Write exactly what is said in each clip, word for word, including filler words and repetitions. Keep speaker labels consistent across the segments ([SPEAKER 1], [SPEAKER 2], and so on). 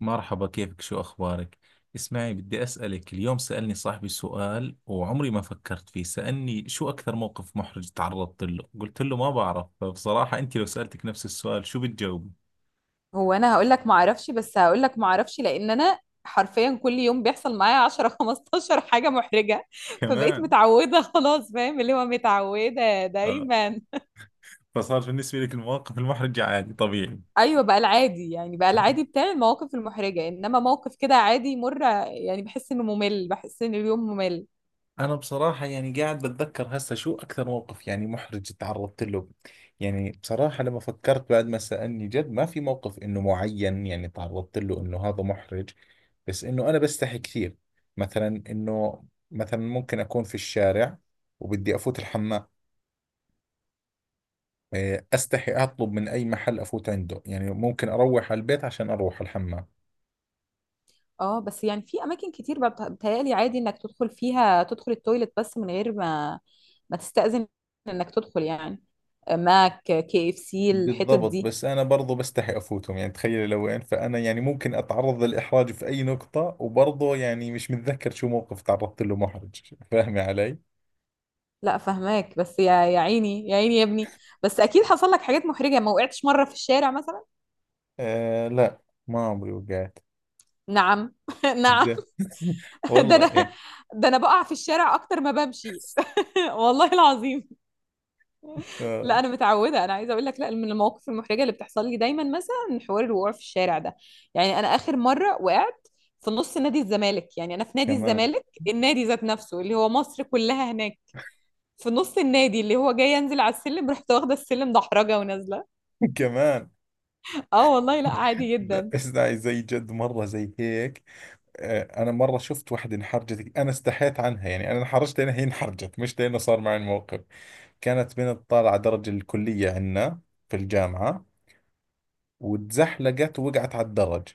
[SPEAKER 1] مرحبا، كيفك؟ شو أخبارك؟ اسمعي، بدي أسألك. اليوم سألني صاحبي سؤال وعمري ما فكرت فيه. سألني شو أكثر موقف محرج تعرضت له؟ قلت له ما بعرف. فبصراحة، أنت لو سألتك نفس السؤال شو بتجاوبي؟
[SPEAKER 2] هو انا هقول لك ما اعرفش، بس هقول لك ما اعرفش لان انا حرفيا كل يوم بيحصل معايا عشرة خمستاشر حاجه محرجه. فبقيت
[SPEAKER 1] كمان.
[SPEAKER 2] متعوده خلاص. فاهم؟ اللي هو متعوده
[SPEAKER 1] آه.
[SPEAKER 2] دايما.
[SPEAKER 1] فصار بالنسبة لك المواقف المحرجة عادي طبيعي.
[SPEAKER 2] ايوه، بقى العادي، يعني بقى العادي بتاعي المواقف المحرجه، انما موقف كده عادي يمر، يعني بحس انه ممل، بحس ان اليوم ممل.
[SPEAKER 1] أنا بصراحة يعني قاعد بتذكر هسه شو أكثر موقف يعني محرج تعرضت له. يعني بصراحة، لما فكرت بعد ما سألني، جد ما في موقف إنه معين يعني تعرضت له إنه هذا محرج. بس إنه أنا بستحي كثير. مثلا إنه، مثلا ممكن أكون في الشارع وبدي أفوت الحمام. إيه، أستحي أطلب من أي محل أفوت عنده، يعني ممكن أروح على البيت عشان أروح الحمام.
[SPEAKER 2] اه، بس يعني في اماكن كتير بقى بت- بتهيألي عادي انك تدخل فيها، تدخل التويلت بس من غير ما ما تستأذن، انك تدخل يعني. ماك، كي اف سي، الحتت
[SPEAKER 1] بالضبط.
[SPEAKER 2] دي.
[SPEAKER 1] بس أنا برضو بستحي أفوتهم. يعني تخيل لو وين، فأنا يعني ممكن أتعرض للإحراج في أي نقطة. وبرضو يعني مش متذكر شو موقف تعرضت له محرج فاهمي علي؟
[SPEAKER 2] لا فهماك، بس يا يا عيني، يا عيني يا ابني. بس اكيد حصل لك حاجات محرجه. ما وقعتش مره في الشارع مثلا؟
[SPEAKER 1] آه، لا. ما عمري وقعت.
[SPEAKER 2] نعم. نعم.
[SPEAKER 1] جد.
[SPEAKER 2] ده
[SPEAKER 1] والله
[SPEAKER 2] انا
[SPEAKER 1] يعني.
[SPEAKER 2] ده انا بقع في الشارع اكتر ما بمشي. والله العظيم. لا
[SPEAKER 1] آه.
[SPEAKER 2] انا متعوده. انا عايزه اقول لك، لا، من المواقف المحرجه اللي بتحصل لي دايما مثلا حوار الوقوع في الشارع ده. يعني انا اخر مره وقعت في نص نادي الزمالك. يعني انا في نادي
[SPEAKER 1] كمان.
[SPEAKER 2] الزمالك، النادي ذات نفسه اللي هو مصر كلها هناك، في نص النادي، اللي هو جاي انزل على السلم، رحت واخده السلم دحرجه ونازله.
[SPEAKER 1] كمان.
[SPEAKER 2] اه والله، لا عادي
[SPEAKER 1] لا،
[SPEAKER 2] جدا.
[SPEAKER 1] اسمعي، زي جد مرة زي هيك. آه، أنا مرة شفت وحدة انحرجت، أنا استحيت عنها. يعني أنا انحرجت لأنها هي انحرجت، مش لأنه صار معي الموقف. كانت بنت طالعة درج الكلية عنا في الجامعة، واتزحلقت ووقعت على الدرج.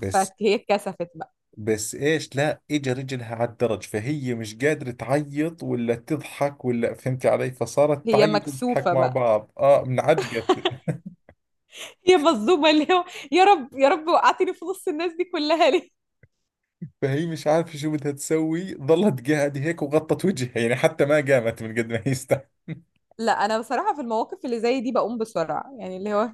[SPEAKER 1] بس.
[SPEAKER 2] فهي اتكسفت بقى.
[SPEAKER 1] بس ايش، لا اجى رجلها على الدرج، فهي مش قادرة تعيط ولا تضحك. ولا فهمت علي؟ فصارت
[SPEAKER 2] هي
[SPEAKER 1] تعيط وتضحك
[SPEAKER 2] مكسوفة
[SPEAKER 1] مع
[SPEAKER 2] بقى.
[SPEAKER 1] بعض. اه منعجقت.
[SPEAKER 2] هي مظلومة، اللي هو يا رب يا رب، وقعتني في نص الناس دي كلها ليه؟
[SPEAKER 1] فهي مش عارفة شو بدها تسوي، ظلت قاعدة هيك وغطت وجهها. يعني حتى ما قامت من قد ما هي است-
[SPEAKER 2] لا انا بصراحة في المواقف اللي زي دي بقوم بسرعة، يعني اللي هو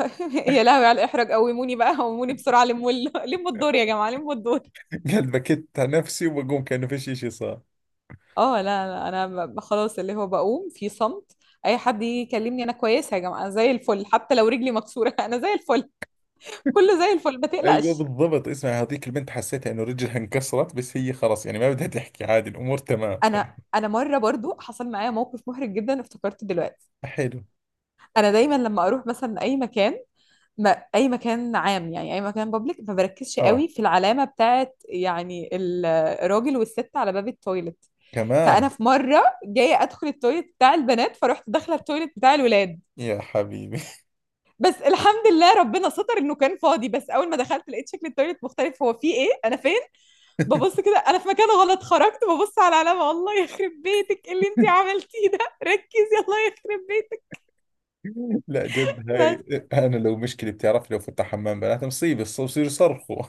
[SPEAKER 2] يا لهوي على الاحراج، قوموني بقى، قوموني بسرعة، لموا ال- لموا الدور يا جماعة، لموا الدور.
[SPEAKER 1] قالت بكت على نفسي وبقوم كأنه فيش اشي صار.
[SPEAKER 2] اه لا لا، انا ب- ب- خلاص اللي هو بقوم في صمت. اي حد يجي يكلمني، انا كويسة يا جماعة، أنا زي الفل حتى لو رجلي مكسورة، انا زي الفل، كله زي الفل، ما
[SPEAKER 1] ايوه
[SPEAKER 2] تقلقش.
[SPEAKER 1] بالضبط. اسمع، هذيك البنت حسيتها انه رجلها انكسرت، بس هي خلاص يعني ما بدها تحكي. عادي، الامور تمام.
[SPEAKER 2] انا انا مره برضو حصل معايا موقف محرج جدا، افتكرته دلوقتي.
[SPEAKER 1] حلو.
[SPEAKER 2] انا دايما لما اروح مثلا اي مكان، ما اي مكان عام، يعني اي مكان بابليك، ما بركزش
[SPEAKER 1] اه.
[SPEAKER 2] قوي في العلامه بتاعت، يعني ال- الراجل والست على باب التويلت. فانا
[SPEAKER 1] كمان.
[SPEAKER 2] في مره جايه ادخل التويلت بتاع البنات، فرحت داخله التويلت بتاع الولاد.
[SPEAKER 1] يا حبيبي.
[SPEAKER 2] بس الحمد لله ربنا ستر انه كان فاضي، بس اول ما دخلت لقيت شكل التويلت مختلف. هو فيه ايه، انا فين؟ ببص كده، انا في مكان غلط. خرجت ببص على العلامه، الله يخرب بيتك، إيه اللي انت عملتيه ده؟ ركزي، الله يخرب
[SPEAKER 1] لا جد، هاي.
[SPEAKER 2] بيتك.
[SPEAKER 1] انا لو مشكلة، بتعرف لو فتح حمام بنات مصيبة، الص- بصير يصرخوا.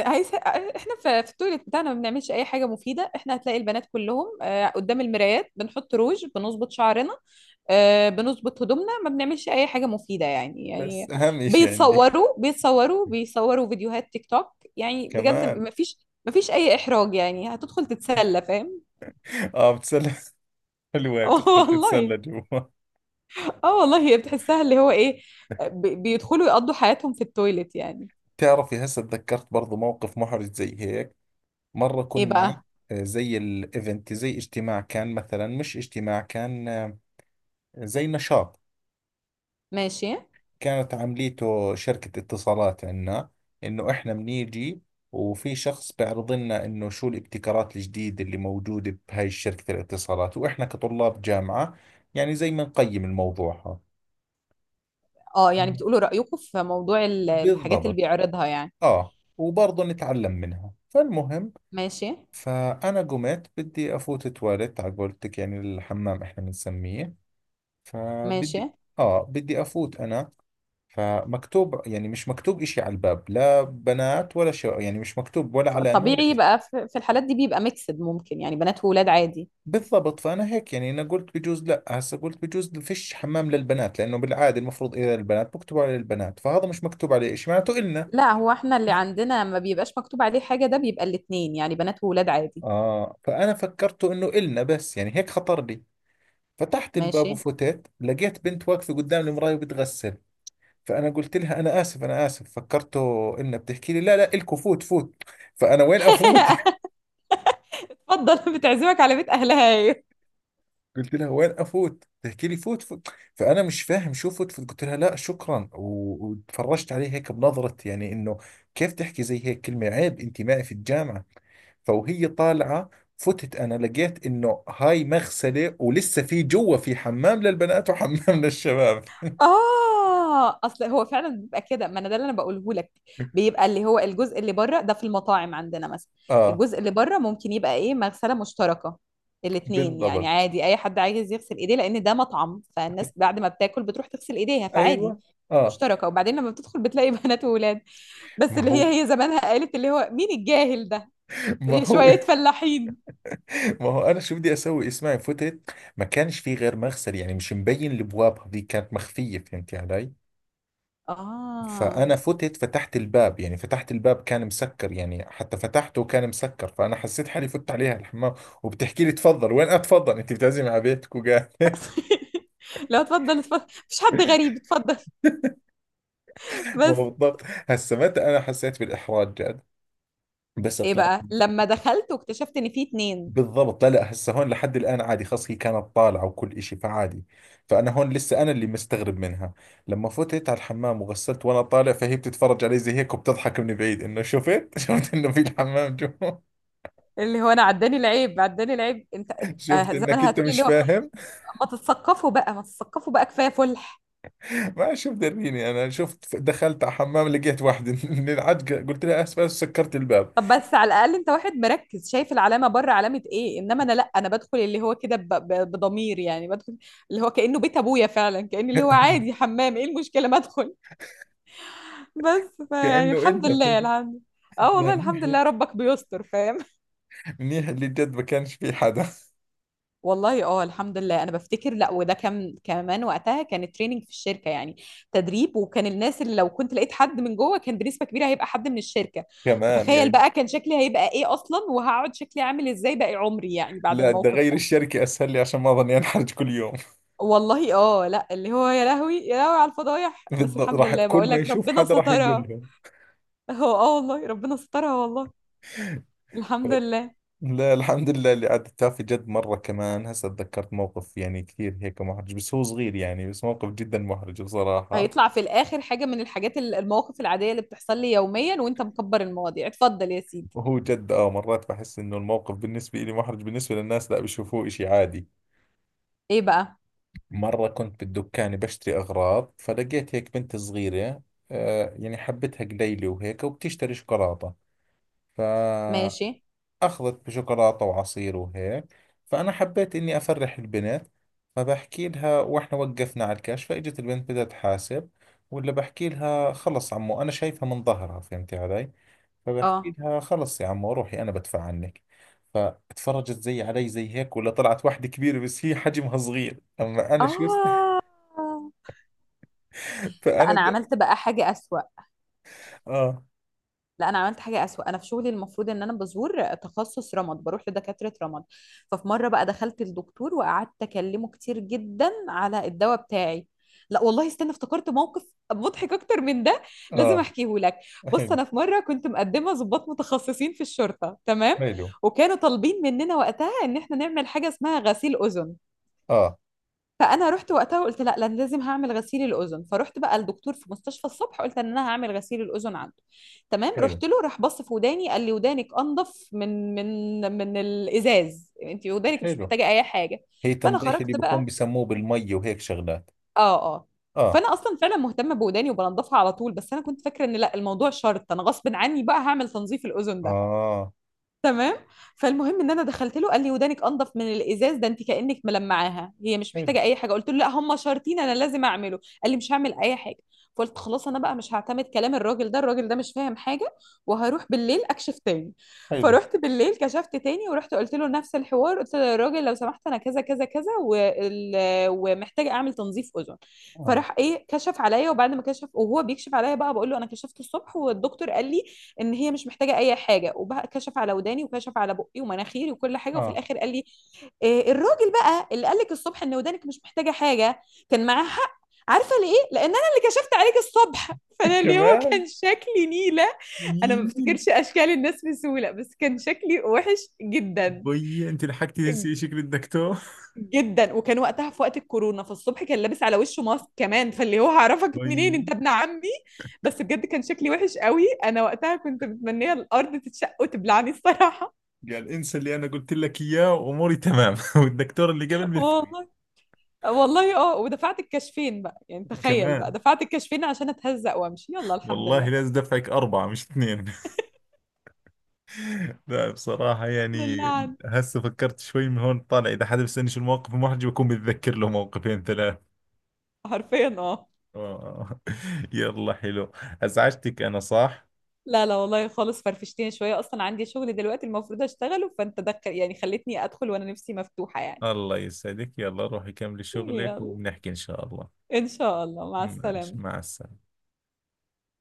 [SPEAKER 2] عايز، احنا في في التويليت بتاعنا ما بنعملش اي حاجه مفيده. احنا هتلاقي البنات كلهم آه، قدام المرايات بنحط روج، بنظبط شعرنا آه، بنظبط هدومنا، ما بنعملش اي حاجه مفيده، يعني
[SPEAKER 1] بس
[SPEAKER 2] يعني
[SPEAKER 1] اهم اشي عندي.
[SPEAKER 2] بيتصوروا بيتصوروا بيصوروا فيديوهات تيك توك، يعني بجد
[SPEAKER 1] كمان.
[SPEAKER 2] ما فيش، ما فيش اي احراج، يعني هتدخل تتسلى، فاهم؟
[SPEAKER 1] اه، بتسلى حلوة، بتدخل
[SPEAKER 2] والله.
[SPEAKER 1] تتسلى جوا.
[SPEAKER 2] اه والله، هي بتحسها اللي هو ايه، بي- بيدخلوا يقضوا حياتهم في التويليت يعني.
[SPEAKER 1] بتعرفي هسه تذكرت برضو موقف محرج زي هيك. مرة
[SPEAKER 2] ايه
[SPEAKER 1] كنا،
[SPEAKER 2] بقى؟
[SPEAKER 1] آه، زي الايفنت، زي اجتماع كان. مثلا مش اجتماع كان، آه، زي نشاط.
[SPEAKER 2] ماشي.
[SPEAKER 1] كانت عمليته شركة اتصالات عنا. إنه إحنا بنيجي، وفي شخص بيعرض لنا إنه شو الابتكارات الجديدة اللي موجودة بهاي شركة الاتصالات. وإحنا كطلاب جامعة يعني زي ما نقيم الموضوع هذا.
[SPEAKER 2] اه يعني بتقولوا رايكم في موضوع ال- الحاجات اللي
[SPEAKER 1] بالضبط.
[SPEAKER 2] بيعرضها يعني.
[SPEAKER 1] آه، وبرضه نتعلم منها. فالمهم،
[SPEAKER 2] ماشي.
[SPEAKER 1] فأنا قمت بدي أفوت تواليت، على قولتك يعني الحمام إحنا بنسميه.
[SPEAKER 2] ماشي.
[SPEAKER 1] فبدي، آه، بدي أفوت أنا. فمكتوب، يعني مش مكتوب إشي على الباب، لا بنات ولا شو. يعني مش مكتوب ولا
[SPEAKER 2] ف-
[SPEAKER 1] علامة ولا
[SPEAKER 2] طبيعي
[SPEAKER 1] إشي.
[SPEAKER 2] بقى، في في الحالات دي بيبقى ميكسد، ممكن يعني بنات وولاد عادي.
[SPEAKER 1] بالضبط. فأنا هيك يعني، أنا قلت بجوز، لا هسا قلت بجوز فيش حمام للبنات، لأنه بالعادة المفروض إذا البنات بكتبوا على البنات، فهذا مش مكتوب عليه إشي معناته إلنا.
[SPEAKER 2] لا، هو احنا اللي عندنا ما بيبقاش مكتوب عليه حاجة، ده بيبقى الاتنين، يعني بنات وولاد عادي.
[SPEAKER 1] آه، فأنا فكرته إنه إلنا، بس يعني هيك خطر لي. فتحت الباب
[SPEAKER 2] ماشي.
[SPEAKER 1] وفتت، لقيت بنت واقفة قدام المراية وبتغسل. فأنا قلت لها أنا آسف أنا آسف، فكرته إلنا. بتحكي لي لا لا إلكو، فوت فوت. فأنا وين أفوت؟
[SPEAKER 2] اتفضل، بتعزمك على بيت اهلها هي.
[SPEAKER 1] قلت لها وين افوت؟ تحكي لي فوت فوت. فانا مش فاهم شو فوت فوت. قلت لها لا شكرا، و- وتفرجت عليه هيك بنظره، يعني انه كيف تحكي زي هيك كلمه عيب انت معي في الجامعه. فوهي طالعه، فتت انا، لقيت انه هاي مغسله ولسه في جوا في حمام للبنات وحمام للشباب.
[SPEAKER 2] اه اصل هو فعلا بيبقى كده، ما انا ده اللي انا بقوله لك. بيبقى اللي هو الجزء اللي بره ده، في المطاعم عندنا مثلا،
[SPEAKER 1] اه
[SPEAKER 2] الجزء اللي بره ممكن يبقى ايه، مغسله مشتركه، الاثنين، يعني
[SPEAKER 1] بالضبط.
[SPEAKER 2] عادي، اي حد عايز يغسل ايديه، لان ده مطعم فالناس بعد ما بتاكل بتروح تغسل ايديها فعادي.
[SPEAKER 1] ايوه. اه.
[SPEAKER 2] مشتركه، وبعدين لما بتدخل بتلاقي بنات وولاد. بس
[SPEAKER 1] ما
[SPEAKER 2] اللي
[SPEAKER 1] هو.
[SPEAKER 2] هي هي زمانها قالت اللي هو مين الجاهل ده،
[SPEAKER 1] ما هو.
[SPEAKER 2] شويه فلاحين.
[SPEAKER 1] ما هو انا شو بدي اسوي؟ اسمعي فتت، ما كانش في غير مغسل، يعني مش مبين الابواب، هذه كانت مخفيه. فهمتي علي؟
[SPEAKER 2] اه.
[SPEAKER 1] فأنا فتت، فتحت الباب، يعني فتحت الباب كان مسكر، يعني حتى فتحته كان مسكر. فأنا حسيت حالي فت عليها الحمام، وبتحكي لي تفضل. وين أتفضل أنت؟ بتعزمي على بيتك وقال
[SPEAKER 2] لا اتفضل اتفضل، مفيش حد غريب، اتفضل.
[SPEAKER 1] ما
[SPEAKER 2] بس
[SPEAKER 1] هو بالضبط. هسه متى أنا حسيت بالإحراج جد؟ بس
[SPEAKER 2] ايه
[SPEAKER 1] طلعت.
[SPEAKER 2] بقى لما دخلت واكتشفت ان في اتنين؟
[SPEAKER 1] بالضبط، لا لا هسه هون لحد الآن عادي، خلص هي كانت طالعة وكل إشي، فعادي. فأنا هون لسه أنا اللي مستغرب منها. لما فتت على الحمام وغسلت وأنا طالع، فهي بتتفرج علي زي هيك وبتضحك من بعيد إنه شفت شفت إنه في الحمام جوا.
[SPEAKER 2] اللي هو انا عداني العيب، عداني العيب انت.
[SPEAKER 1] شفت
[SPEAKER 2] آه،
[SPEAKER 1] إنك
[SPEAKER 2] زمانها
[SPEAKER 1] أنت
[SPEAKER 2] هتقولي
[SPEAKER 1] مش
[SPEAKER 2] اللي هو،
[SPEAKER 1] فاهم.
[SPEAKER 2] ما تتثقفوا بقى، ما تتثقفوا بقى، كفايه فلح.
[SPEAKER 1] ما شو مدريني انا؟ شفت دخلت على حمام لقيت واحدة من العجقة قلت لها اسف اسف، سكرت الباب.
[SPEAKER 2] طب بس على الاقل انت واحد مركز، شايف العلامه بره، علامه ايه، انما انا لا، انا بدخل اللي هو كده ب- ب- بضمير، يعني بدخل اللي هو كانه بيت ابويا، فعلا كان اللي هو عادي، حمام، ايه المشكله ما ادخل. بس فيعني
[SPEAKER 1] كأنه
[SPEAKER 2] الحمد
[SPEAKER 1] الا.
[SPEAKER 2] لله، الحمد. اه
[SPEAKER 1] لا،
[SPEAKER 2] والله الحمد
[SPEAKER 1] منيح.
[SPEAKER 2] لله، ربك بيستر، فاهم؟
[SPEAKER 1] منيح اللي جد ما كانش في حدا.
[SPEAKER 2] والله اه الحمد لله. انا بفتكر، لا، وده كان كمان وقتها كان تريننج في الشركه، يعني تدريب، وكان الناس اللي لو كنت لقيت حد من جوه كان بنسبه كبيره هيبقى حد من الشركه.
[SPEAKER 1] كمان
[SPEAKER 2] فتخيل
[SPEAKER 1] يعني.
[SPEAKER 2] بقى كان شكلي هيبقى ايه اصلا، وهقعد شكلي عامل ازاي باقي عمري، يعني بعد
[SPEAKER 1] لا بدي
[SPEAKER 2] الموقف
[SPEAKER 1] اغير
[SPEAKER 2] ده.
[SPEAKER 1] الشركة اسهل لي، عشان ما اظني انحرج كل يوم.
[SPEAKER 2] والله اه لا، اللي هو يا لهوي يا لهوي على الفضايح، بس
[SPEAKER 1] بالضبط،
[SPEAKER 2] الحمد
[SPEAKER 1] راح
[SPEAKER 2] لله
[SPEAKER 1] كل
[SPEAKER 2] بقول
[SPEAKER 1] ما
[SPEAKER 2] لك
[SPEAKER 1] يشوف
[SPEAKER 2] ربنا
[SPEAKER 1] حدا راح يقول
[SPEAKER 2] سترها.
[SPEAKER 1] لهم.
[SPEAKER 2] هو اه والله ربنا سترها والله. الحمد لله.
[SPEAKER 1] لا الحمد لله اللي عدتها. في جد مرة كمان هسه تذكرت موقف، يعني كثير هيك محرج، بس هو صغير يعني، بس موقف جدا محرج بصراحة.
[SPEAKER 2] هيطلع في الاخر حاجه من الحاجات ال- المواقف العاديه اللي بتحصل لي يوميا، وانت مكبر المواضيع. اتفضل يا سيدي.
[SPEAKER 1] وهو جد اه مرات بحس انه الموقف بالنسبة لي محرج، بالنسبة للناس لا بيشوفوه اشي عادي.
[SPEAKER 2] ايه بقى؟
[SPEAKER 1] مرة كنت بالدكان بشتري اغراض، فلقيت هيك بنت صغيرة، آه يعني حبتها قليلة وهيك، وبتشتري شوكولاتة. فاخذت
[SPEAKER 2] ماشي.
[SPEAKER 1] بشوكولاتة وعصير وهيك. فانا حبيت اني افرح البنت. فبحكي لها، واحنا وقفنا على الكاش فاجت البنت بدها تحاسب، ولا بحكي لها خلص عمو، انا شايفها من ظهرها فهمتي علي. فبحكي
[SPEAKER 2] اه
[SPEAKER 1] لها خلص يا عمو روحي انا بدفع عنك. فاتفرجت زي علي زي هيك، ولا طلعت واحدة كبيرة بس هي حجمها صغير. اما انا شو است-
[SPEAKER 2] اه. لا
[SPEAKER 1] فانا
[SPEAKER 2] انا
[SPEAKER 1] د...
[SPEAKER 2] عملت بقى حاجه اسوأ.
[SPEAKER 1] اه
[SPEAKER 2] لا انا عملت حاجه اسوأ انا في شغلي المفروض ان انا بزور تخصص رمد، بروح لدكاتره رمد. ففي مره بقى دخلت الدكتور وقعدت اكلمه كتير جدا على الدواء بتاعي. لا والله استنى، افتكرت موقف مضحك اكتر من ده، لازم
[SPEAKER 1] اه.
[SPEAKER 2] احكيه لك. بص،
[SPEAKER 1] حلو
[SPEAKER 2] انا في مره كنت مقدمه ضباط متخصصين في الشرطه، تمام؟
[SPEAKER 1] حلو.
[SPEAKER 2] وكانوا طالبين مننا وقتها ان احنا نعمل حاجه اسمها غسيل اذن.
[SPEAKER 1] اه،
[SPEAKER 2] فانا رحت وقتها وقلت لا لأن لازم هعمل غسيل الاذن. فرحت بقى الدكتور في مستشفى الصبح، قلت ان انا هعمل غسيل الاذن عنده. تمام،
[SPEAKER 1] حلو
[SPEAKER 2] رحت له، راح بص في وداني، قال لي ودانك انضف من من من الازاز، انت ودانك مش
[SPEAKER 1] حلو.
[SPEAKER 2] محتاجه اي حاجه.
[SPEAKER 1] هي
[SPEAKER 2] فانا
[SPEAKER 1] تنظيف اللي
[SPEAKER 2] خرجت
[SPEAKER 1] بكون
[SPEAKER 2] بقى.
[SPEAKER 1] بسموه بالمي وهيك شغلات.
[SPEAKER 2] اه اه.
[SPEAKER 1] اه
[SPEAKER 2] فانا اصلا فعلا مهتمه بوداني وبنضفها على طول، بس انا كنت فاكره ان لا الموضوع شرط، انا غصب عني بقى هعمل تنظيف الاذن ده.
[SPEAKER 1] اه.
[SPEAKER 2] تمام. فالمهم ان انا دخلت له، قال لي ودانك انضف من الازاز ده، انت كانك ملمعاها، هي مش
[SPEAKER 1] حلو
[SPEAKER 2] محتاجه اي حاجه. قلت له لا هم شرطين، انا لازم اعمله. قال لي مش هعمل اي حاجه. فقلت خلاص، انا بقى مش هعتمد كلام الراجل ده، الراجل ده مش فاهم حاجه، وهروح بالليل اكشف تاني.
[SPEAKER 1] حلو.
[SPEAKER 2] فروحت بالليل كشفت تاني، ورحت قلت له نفس الحوار. قلت له يا راجل لو سمحت، انا كذا كذا كذا وال... ومحتاجه اعمل تنظيف اذن.
[SPEAKER 1] اه
[SPEAKER 2] فراح ايه، كشف عليا، وبعد ما كشف وهو بيكشف عليا بقى، بقول له انا كشفت الصبح والدكتور قال لي ان هي مش محتاجه اي حاجه. وبقى كشف على وداني، وكشف على بقي ومناخيري وكل حاجه، وفي
[SPEAKER 1] اه.
[SPEAKER 2] الاخر قال لي إيه الراجل بقى اللي قال لك الصبح ان ودانك مش محتاجه حاجه؟ كان معاه حق. عارفه ليه؟ لان انا اللي كشفت عليك الصبح. فانا اللي هو
[SPEAKER 1] كمان.
[SPEAKER 2] كان شكلي نيله. انا
[SPEAKER 1] يي.
[SPEAKER 2] ما بفتكرش اشكال الناس بسهوله، بس كان شكلي وحش جدا
[SPEAKER 1] بي، انت لحقتي تنسي شكل الدكتور.
[SPEAKER 2] جدا. وكان وقتها في وقت الكورونا، فالصبح كان لابس على وشه ماسك كمان، فاللي هو هعرفك
[SPEAKER 1] بي.
[SPEAKER 2] منين انت ابن عمي. بس بجد كان شكلي وحش قوي. انا وقتها كنت متمنيه الارض تتشق وتبلعني الصراحه.
[SPEAKER 1] قال انسى اللي انا قلت لك اياه واموري تمام. والدكتور اللي قبل بيفهم.
[SPEAKER 2] والله. والله اه، ودفعت الكشفين بقى، يعني تخيل بقى
[SPEAKER 1] كمان.
[SPEAKER 2] دفعت الكشفين عشان اتهزق وامشي، يلا الحمد
[SPEAKER 1] والله
[SPEAKER 2] لله.
[SPEAKER 1] لازم دفعك أربعة مش اثنين. لا بصراحة
[SPEAKER 2] الحمد
[SPEAKER 1] يعني،
[SPEAKER 2] لله عنه.
[SPEAKER 1] هسه فكرت شوي. من هون طالع إذا حدا بيسألني شو المواقف المحرجة بكون بتذكر له موقفين ثلاث.
[SPEAKER 2] حرفيا اه.
[SPEAKER 1] آه. يلا حلو. أزعجتك أنا صح؟
[SPEAKER 2] لا لا والله خالص، فرفشتني شويه، اصلا عندي شغل دلوقتي المفروض اشتغله، فانت دخل، يعني خلتني ادخل وانا نفسي مفتوحه يعني.
[SPEAKER 1] الله يسعدك، يلا روحي كملي شغلك
[SPEAKER 2] يلا،
[SPEAKER 1] وبنحكي إن شاء الله.
[SPEAKER 2] ان شاء الله، مع
[SPEAKER 1] ماشي،
[SPEAKER 2] السلامه.
[SPEAKER 1] مع السلامة.